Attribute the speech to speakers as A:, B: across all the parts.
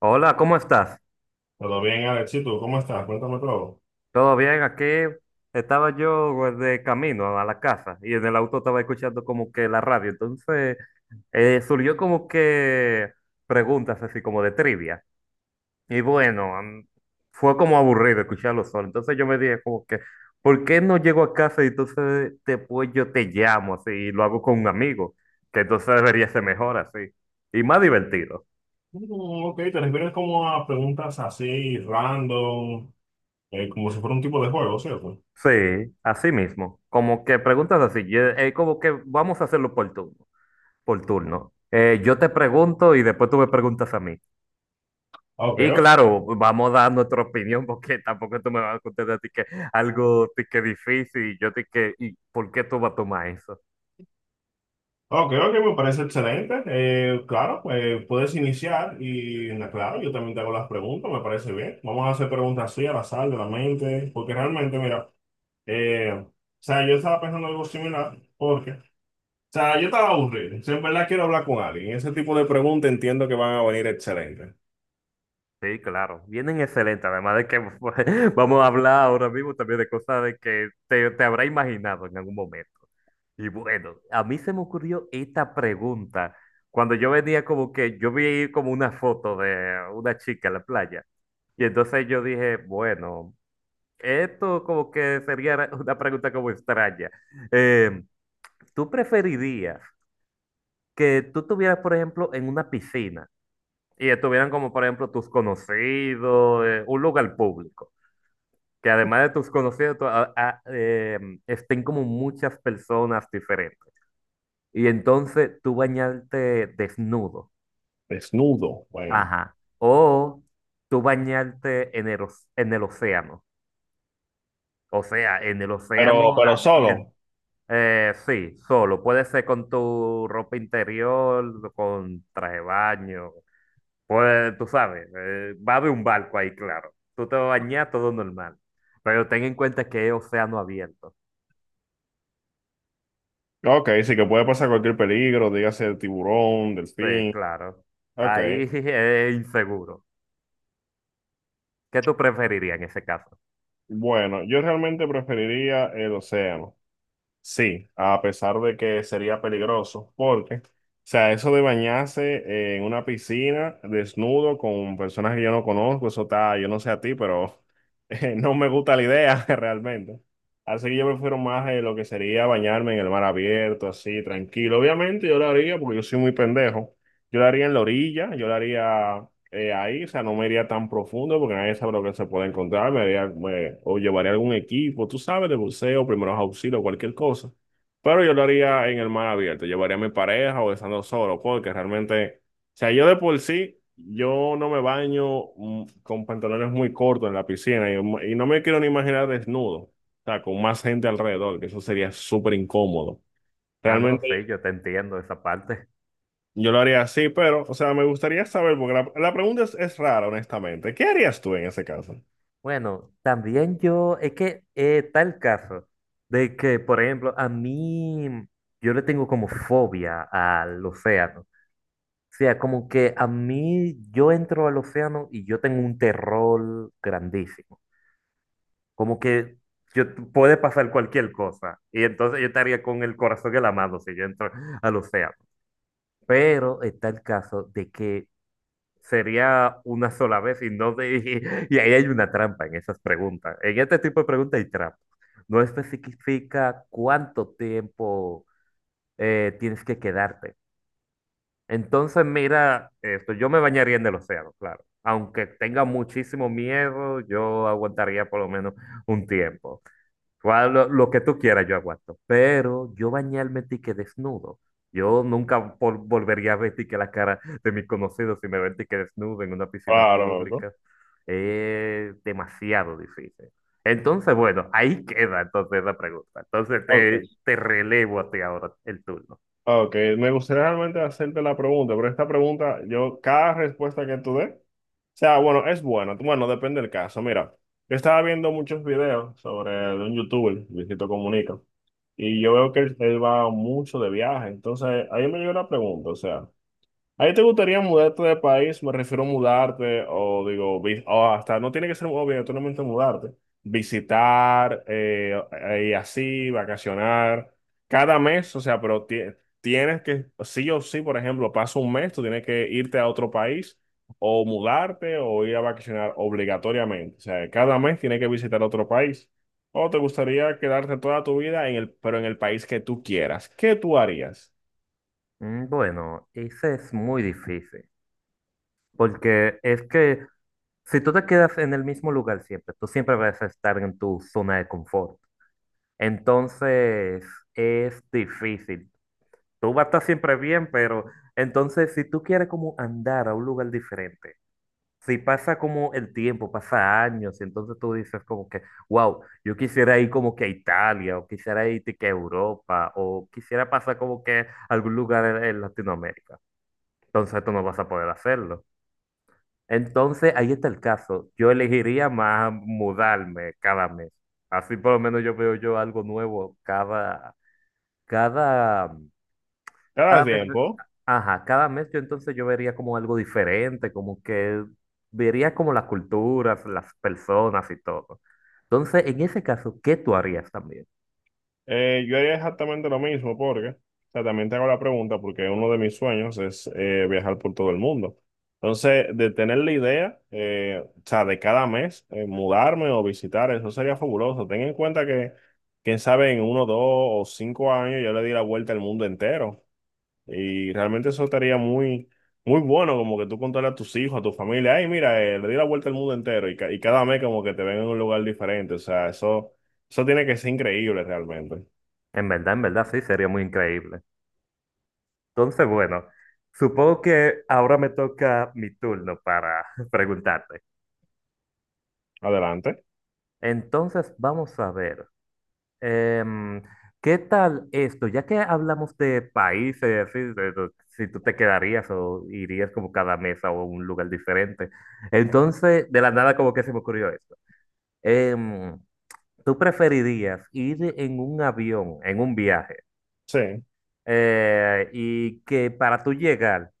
A: Hola, ¿cómo estás?
B: Todo bien, Alexito, ¿cómo estás? Cuéntame todo.
A: ¿Todo bien? Aquí estaba yo, pues, de camino a la casa, y en el auto estaba escuchando como que la radio. Entonces surgió como que preguntas así, como de trivia. Y bueno, fue como aburrido escucharlo solo. Entonces yo me dije como que, ¿por qué no llego a casa y entonces después yo te llamo así y lo hago con un amigo? Que entonces debería ser mejor así y más divertido.
B: Ok, te refieres como a preguntas así, random, como si fuera un tipo de juego, ¿cierto?
A: Sí, así mismo. Como que preguntas así, y, como que vamos a hacerlo por turno, por turno. Yo te pregunto y después tú me preguntas a mí.
B: Ok,
A: Y
B: ok,
A: claro, vamos a dar nuestra opinión, porque tampoco tú me vas a contestar a ti que algo ti que difícil y yo ti que, ¿y por qué tú vas a tomar eso?
B: ok, me parece excelente. Claro, puedes iniciar y, claro, yo también te hago las preguntas, me parece bien. Vamos a hacer preguntas así, al azar, de la mente, porque realmente, mira, o sea, yo estaba pensando algo similar, porque, o sea, yo estaba aburrido. Si en verdad quiero hablar con alguien, ese tipo de preguntas entiendo que van a venir excelentes.
A: Sí, claro, vienen excelentes, además de que, pues, vamos a hablar ahora mismo también de cosas de que te habrá imaginado en algún momento. Y bueno, a mí se me ocurrió esta pregunta cuando yo venía como que, yo vi como una foto de una chica en la playa y entonces yo dije, bueno, esto como que sería una pregunta como extraña. Eh, ¿Tú preferirías que tú estuvieras, por ejemplo, en una piscina, y estuvieran como, por ejemplo, tus conocidos, un lugar público, que además de tus conocidos, estén como muchas personas diferentes? Y entonces, ¿tú bañarte desnudo,
B: Desnudo, bueno.
A: ajá, o tú bañarte en en el océano, o sea, en el océano
B: Pero
A: abierto?
B: solo.
A: Sí, solo, puede ser con tu ropa interior, con traje de baño. Pues tú sabes, va a haber un barco ahí, claro. Tú te vas a bañar todo normal. Pero ten en cuenta que es océano abierto.
B: Ok, sí que puede pasar cualquier peligro, dígase tiburón,
A: Sí,
B: delfín.
A: claro.
B: Ok.
A: Ahí es inseguro. ¿Qué tú preferirías en ese caso?
B: Bueno, yo realmente preferiría el océano. Sí, a pesar de que sería peligroso, porque, o sea, eso de bañarse en una piscina desnudo con personas que yo no conozco, eso está, yo no sé a ti, pero no me gusta la idea realmente. Así que yo prefiero más lo que sería bañarme en el mar abierto, así, tranquilo. Obviamente yo lo haría porque yo soy muy pendejo. Yo lo haría en la orilla, yo lo haría ahí, o sea, no me iría tan profundo porque nadie sabe lo que se puede encontrar, o llevaría algún equipo, tú sabes, de buceo, primeros auxilios, cualquier cosa. Pero yo lo haría en el mar abierto, llevaría a mi pareja o estando solo, porque realmente, o sea, yo de por sí, yo no me baño con pantalones muy cortos en la piscina y no me quiero ni imaginar desnudo, o sea, con más gente alrededor, que eso sería súper incómodo.
A: Ah, no, sí,
B: Realmente
A: yo te entiendo esa parte.
B: yo lo haría así, pero, o sea, me gustaría saber, porque la pregunta es rara, honestamente. ¿Qué harías tú en ese caso?
A: Bueno, también yo, es que está el caso de que, por ejemplo, a mí, yo le tengo como fobia al océano. O sea, como que a mí, yo entro al océano y yo tengo un terror grandísimo. Como que yo, puede pasar cualquier cosa. Y entonces yo estaría con el corazón en la mano si yo entro al océano. Pero está el caso de que sería una sola vez y no de, y, ahí hay una trampa en esas preguntas. En este tipo de preguntas hay trampa. No especifica cuánto tiempo tienes que quedarte. Entonces, mira esto, yo me bañaría en el océano, claro. Aunque tenga muchísimo miedo, yo aguantaría por lo menos un tiempo. Lo que tú quieras, yo aguanto. Pero yo bañarme tique desnudo. Yo nunca volvería a ver tique la cara de mis conocidos si me ven tique desnudo en una piscina
B: Claro, ¿no?
A: pública. Es demasiado difícil. Entonces, bueno, ahí queda entonces la pregunta. Entonces
B: Ok,
A: te relevo a ti ahora el turno.
B: ok. Me gustaría realmente hacerte la pregunta, pero esta pregunta, yo, cada respuesta que tú des, o sea, bueno, es buena. Bueno, depende del caso. Mira, yo estaba viendo muchos videos sobre de un youtuber, Luisito Comunica, y yo veo que él va mucho de viaje. Entonces, ahí me llegó la pregunta, o sea. ¿A ti te gustaría mudarte de país? Me refiero a mudarte, o digo, o hasta no tiene que ser obligatoriamente mudarte. Visitar, y así, vacacionar, cada mes, o sea, pero tienes que, sí o sí, por ejemplo, pasa un mes, tú tienes que irte a otro país, o mudarte, o ir a vacacionar obligatoriamente. O sea, cada mes tienes que visitar otro país. O te gustaría quedarte toda tu vida en el, pero en el país que tú quieras. ¿Qué tú harías?
A: Bueno, ese es muy difícil. Porque es que si tú te quedas en el mismo lugar siempre, tú siempre vas a estar en tu zona de confort. Entonces es difícil. Tú vas a estar siempre bien, pero entonces si tú quieres como andar a un lugar diferente, si pasa como el tiempo, pasa años, y entonces tú dices como que, wow, yo quisiera ir como que a Italia, o quisiera ir de que a Europa, o quisiera pasar como que a algún lugar en Latinoamérica. Entonces tú no vas a poder hacerlo. Entonces ahí está el caso. Yo elegiría más mudarme cada mes. Así por lo menos yo veo yo algo nuevo cada, mm,
B: ¿Te das
A: cada mes,
B: tiempo?
A: ajá, cada mes yo entonces yo vería como algo diferente, como que vería como las culturas, las personas y todo. Entonces, en ese caso, ¿qué tú harías también?
B: Yo haría exactamente lo mismo porque, o sea, también te hago la pregunta porque uno de mis sueños es viajar por todo el mundo. Entonces, de tener la idea, o sea, de cada mes mudarme o visitar, eso sería fabuloso. Ten en cuenta que, quién sabe, en uno, dos o cinco años yo le di la vuelta al mundo entero y realmente eso estaría muy, muy bueno, como que tú contarle a tus hijos, a tu familia, ay, mira, le di la vuelta al mundo entero y, y cada mes como que te ven en un lugar diferente. O sea, eso tiene que ser increíble realmente.
A: En verdad, sí, sería muy increíble. Entonces, bueno, supongo que ahora me toca mi turno para preguntarte.
B: Adelante.
A: Entonces, vamos a ver. Em, ¿Qué tal esto? Ya que hablamos de países, así, si tú te quedarías o irías como cada mes a un lugar diferente. Entonces, de la nada como que se me ocurrió esto. Em, ¿Tú preferirías ir en un avión, en un viaje,
B: Sí,
A: y que para tú llegar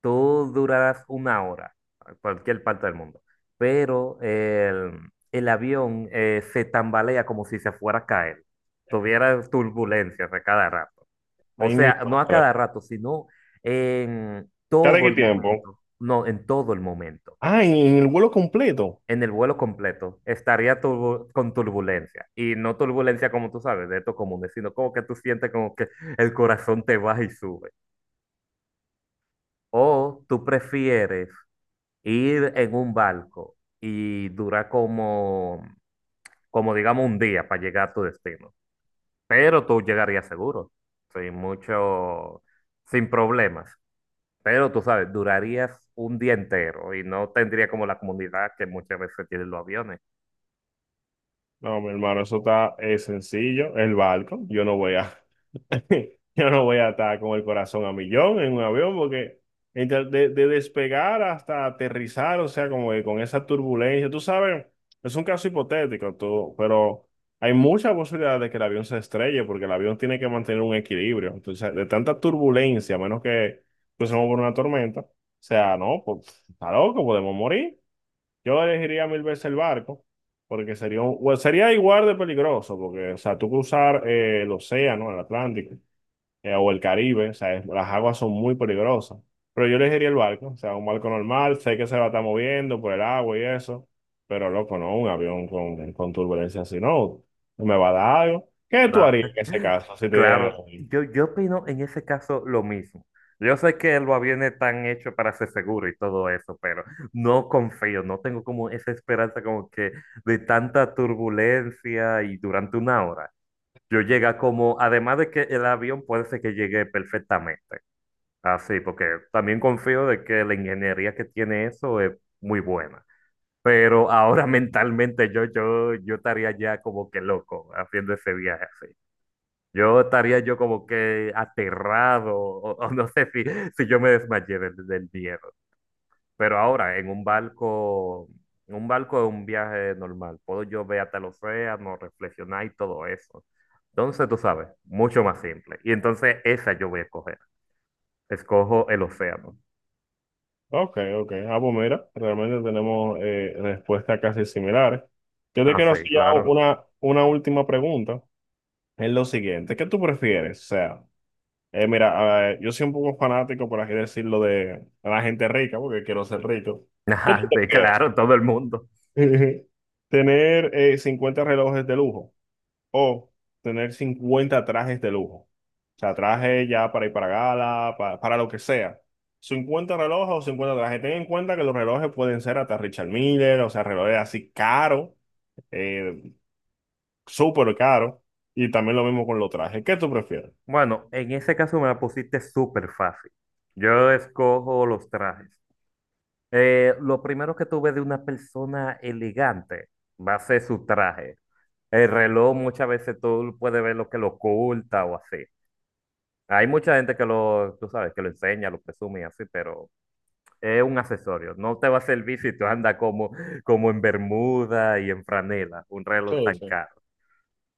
A: tú durarás una hora a cualquier parte del mundo, pero el avión se tambalea como si se fuera a caer, tuviera turbulencias a cada rato? O
B: ahí
A: sea,
B: mismo.
A: no a
B: A ver,
A: cada rato, sino en
B: ¿cada
A: todo
B: qué
A: el
B: tiempo?
A: momento, no, en todo el momento.
B: Ah, en el vuelo completo.
A: En el vuelo completo estaría con turbulencia. Y no turbulencia como tú sabes, de estos comunes, sino como que tú sientes como que el corazón te baja y sube. ¿O tú prefieres ir en un barco y dura como, como digamos un día para llegar a tu destino? Pero tú llegarías seguro, sin mucho, sin problemas. Pero tú sabes, durarías un día entero y no tendría como la comunidad que muchas veces tienen los aviones.
B: No, mi hermano, eso está sencillo. El barco, yo no voy a, yo no voy a estar con el corazón a millón en un avión, porque de despegar hasta aterrizar, o sea, como que con esa turbulencia, tú sabes, es un caso hipotético, pero hay muchas posibilidades de que el avión se estrelle, porque el avión tiene que mantener un equilibrio. Entonces, de tanta turbulencia, a menos que pasemos por una tormenta, o sea, no, pues está loco, podemos morir. Yo elegiría mil veces el barco, porque sería, bueno, sería igual de peligroso, porque, o sea, tú cruzar el océano, el Atlántico, o el Caribe, o sea, las aguas son muy peligrosas. Pero yo elegiría el barco, o sea, un barco normal, sé que se va a estar moviendo por el agua y eso, pero loco, no, un avión con turbulencia así, no, me va a dar algo. ¿Qué tú harías en ese caso si te dieran el
A: Claro,
B: avión?
A: yo opino en ese caso lo mismo. Yo sé que el aviones están hecho para ser seguro y todo eso, pero no confío, no tengo como esa esperanza como que de tanta turbulencia y durante una hora. Yo llega como, además de que el avión puede ser que llegue perfectamente, así, porque también confío de que la ingeniería que tiene eso es muy buena. Pero ahora mentalmente yo estaría ya como que loco haciendo ese viaje así. Yo estaría yo como que aterrado, o no sé si, si yo me desmayé del miedo. Pero ahora, en un barco es un viaje normal. Puedo yo ver hasta el océano, reflexionar y todo eso. Entonces, tú sabes, mucho más simple. Y entonces esa yo voy a escoger. Escojo el océano.
B: Ok, ok. Ah, pues mira, realmente tenemos respuestas casi similares. Yo te
A: Ah,
B: quiero
A: sí,
B: hacer ya
A: claro.
B: una última pregunta. Es lo siguiente, ¿qué tú prefieres? O sea, mira, yo soy un poco fanático, por así decirlo, de la gente rica, porque quiero ser rico. ¿Qué tú
A: Ah, sí,
B: prefieres?
A: claro, todo el mundo.
B: ¿Tener 50 relojes de lujo o tener 50 trajes de lujo? O sea, trajes ya para ir para gala, para, lo que sea. 50 relojes o 50 trajes. Ten en cuenta que los relojes pueden ser hasta Richard Miller, o sea, relojes así caros, eh, súper caros, y también lo mismo con los trajes. ¿Qué tú prefieres?
A: Bueno, en ese caso me la pusiste súper fácil. Yo escojo los trajes. Lo primero que tuve de una persona elegante va a ser su traje. El reloj muchas veces tú puedes ver lo que lo oculta o así. Hay mucha gente que lo, tú sabes, que lo enseña, lo presume y así, pero es un accesorio. No te va a servir si tú andas como, como en bermuda y en franela, un reloj
B: Sí,
A: tan
B: sí.
A: caro.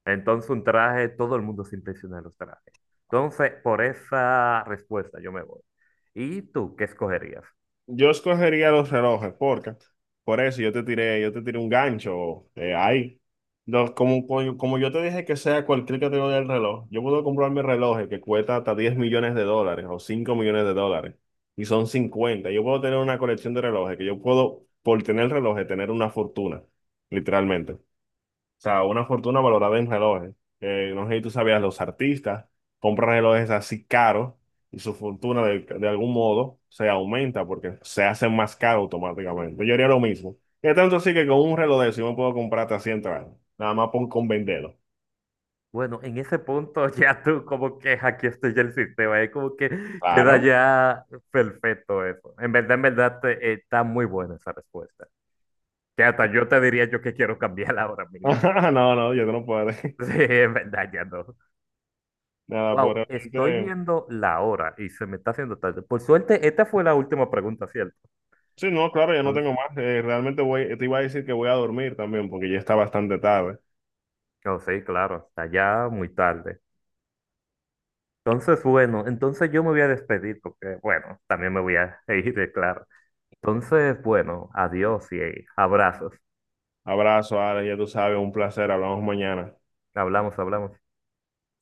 A: Entonces un traje, todo el mundo se impresiona de los trajes. Entonces, por esa respuesta yo me voy. ¿Y tú qué escogerías?
B: Yo escogería los relojes, porque por eso yo te tiré un gancho ahí. No, como yo te dije que sea cualquier categoría del reloj, yo puedo comprar mi reloj que cuesta hasta $10 millones o $5 millones y son 50. Yo puedo tener una colección de relojes que yo puedo, por tener relojes, tener una fortuna, literalmente. O sea, una fortuna valorada en relojes. No sé si tú sabías, los artistas compran relojes así caros y su fortuna de algún modo se aumenta porque se hacen más caros automáticamente. Yo haría lo mismo. Y tanto así que con un reloj de eso yo me puedo comprar hasta 100 trajes. Nada más por, con venderlo.
A: Bueno, en ese punto ya tú como que hackeaste ya el sistema, es como que queda
B: Claro.
A: ya perfecto eso. En verdad está muy buena esa respuesta. Que hasta yo te diría yo que quiero cambiarla ahora mismo.
B: No, no, yo no puedo.
A: Sí, en verdad ya no.
B: Nada, por
A: Wow, estoy
B: realmente.
A: viendo la hora y se me está haciendo tarde. Por suerte, esta fue la última pregunta, ¿cierto?
B: Sí, no, claro, ya no
A: Entonces,
B: tengo más. Realmente voy, te iba a decir que voy a dormir también porque ya está bastante tarde.
A: oh, sí, claro, está ya muy tarde. Entonces, bueno, entonces yo me voy a despedir porque, bueno, también me voy a ir, claro. Entonces, bueno, adiós y abrazos.
B: Abrazo, Ale, ya tú sabes, un placer. Hablamos mañana.
A: Hablamos, hablamos.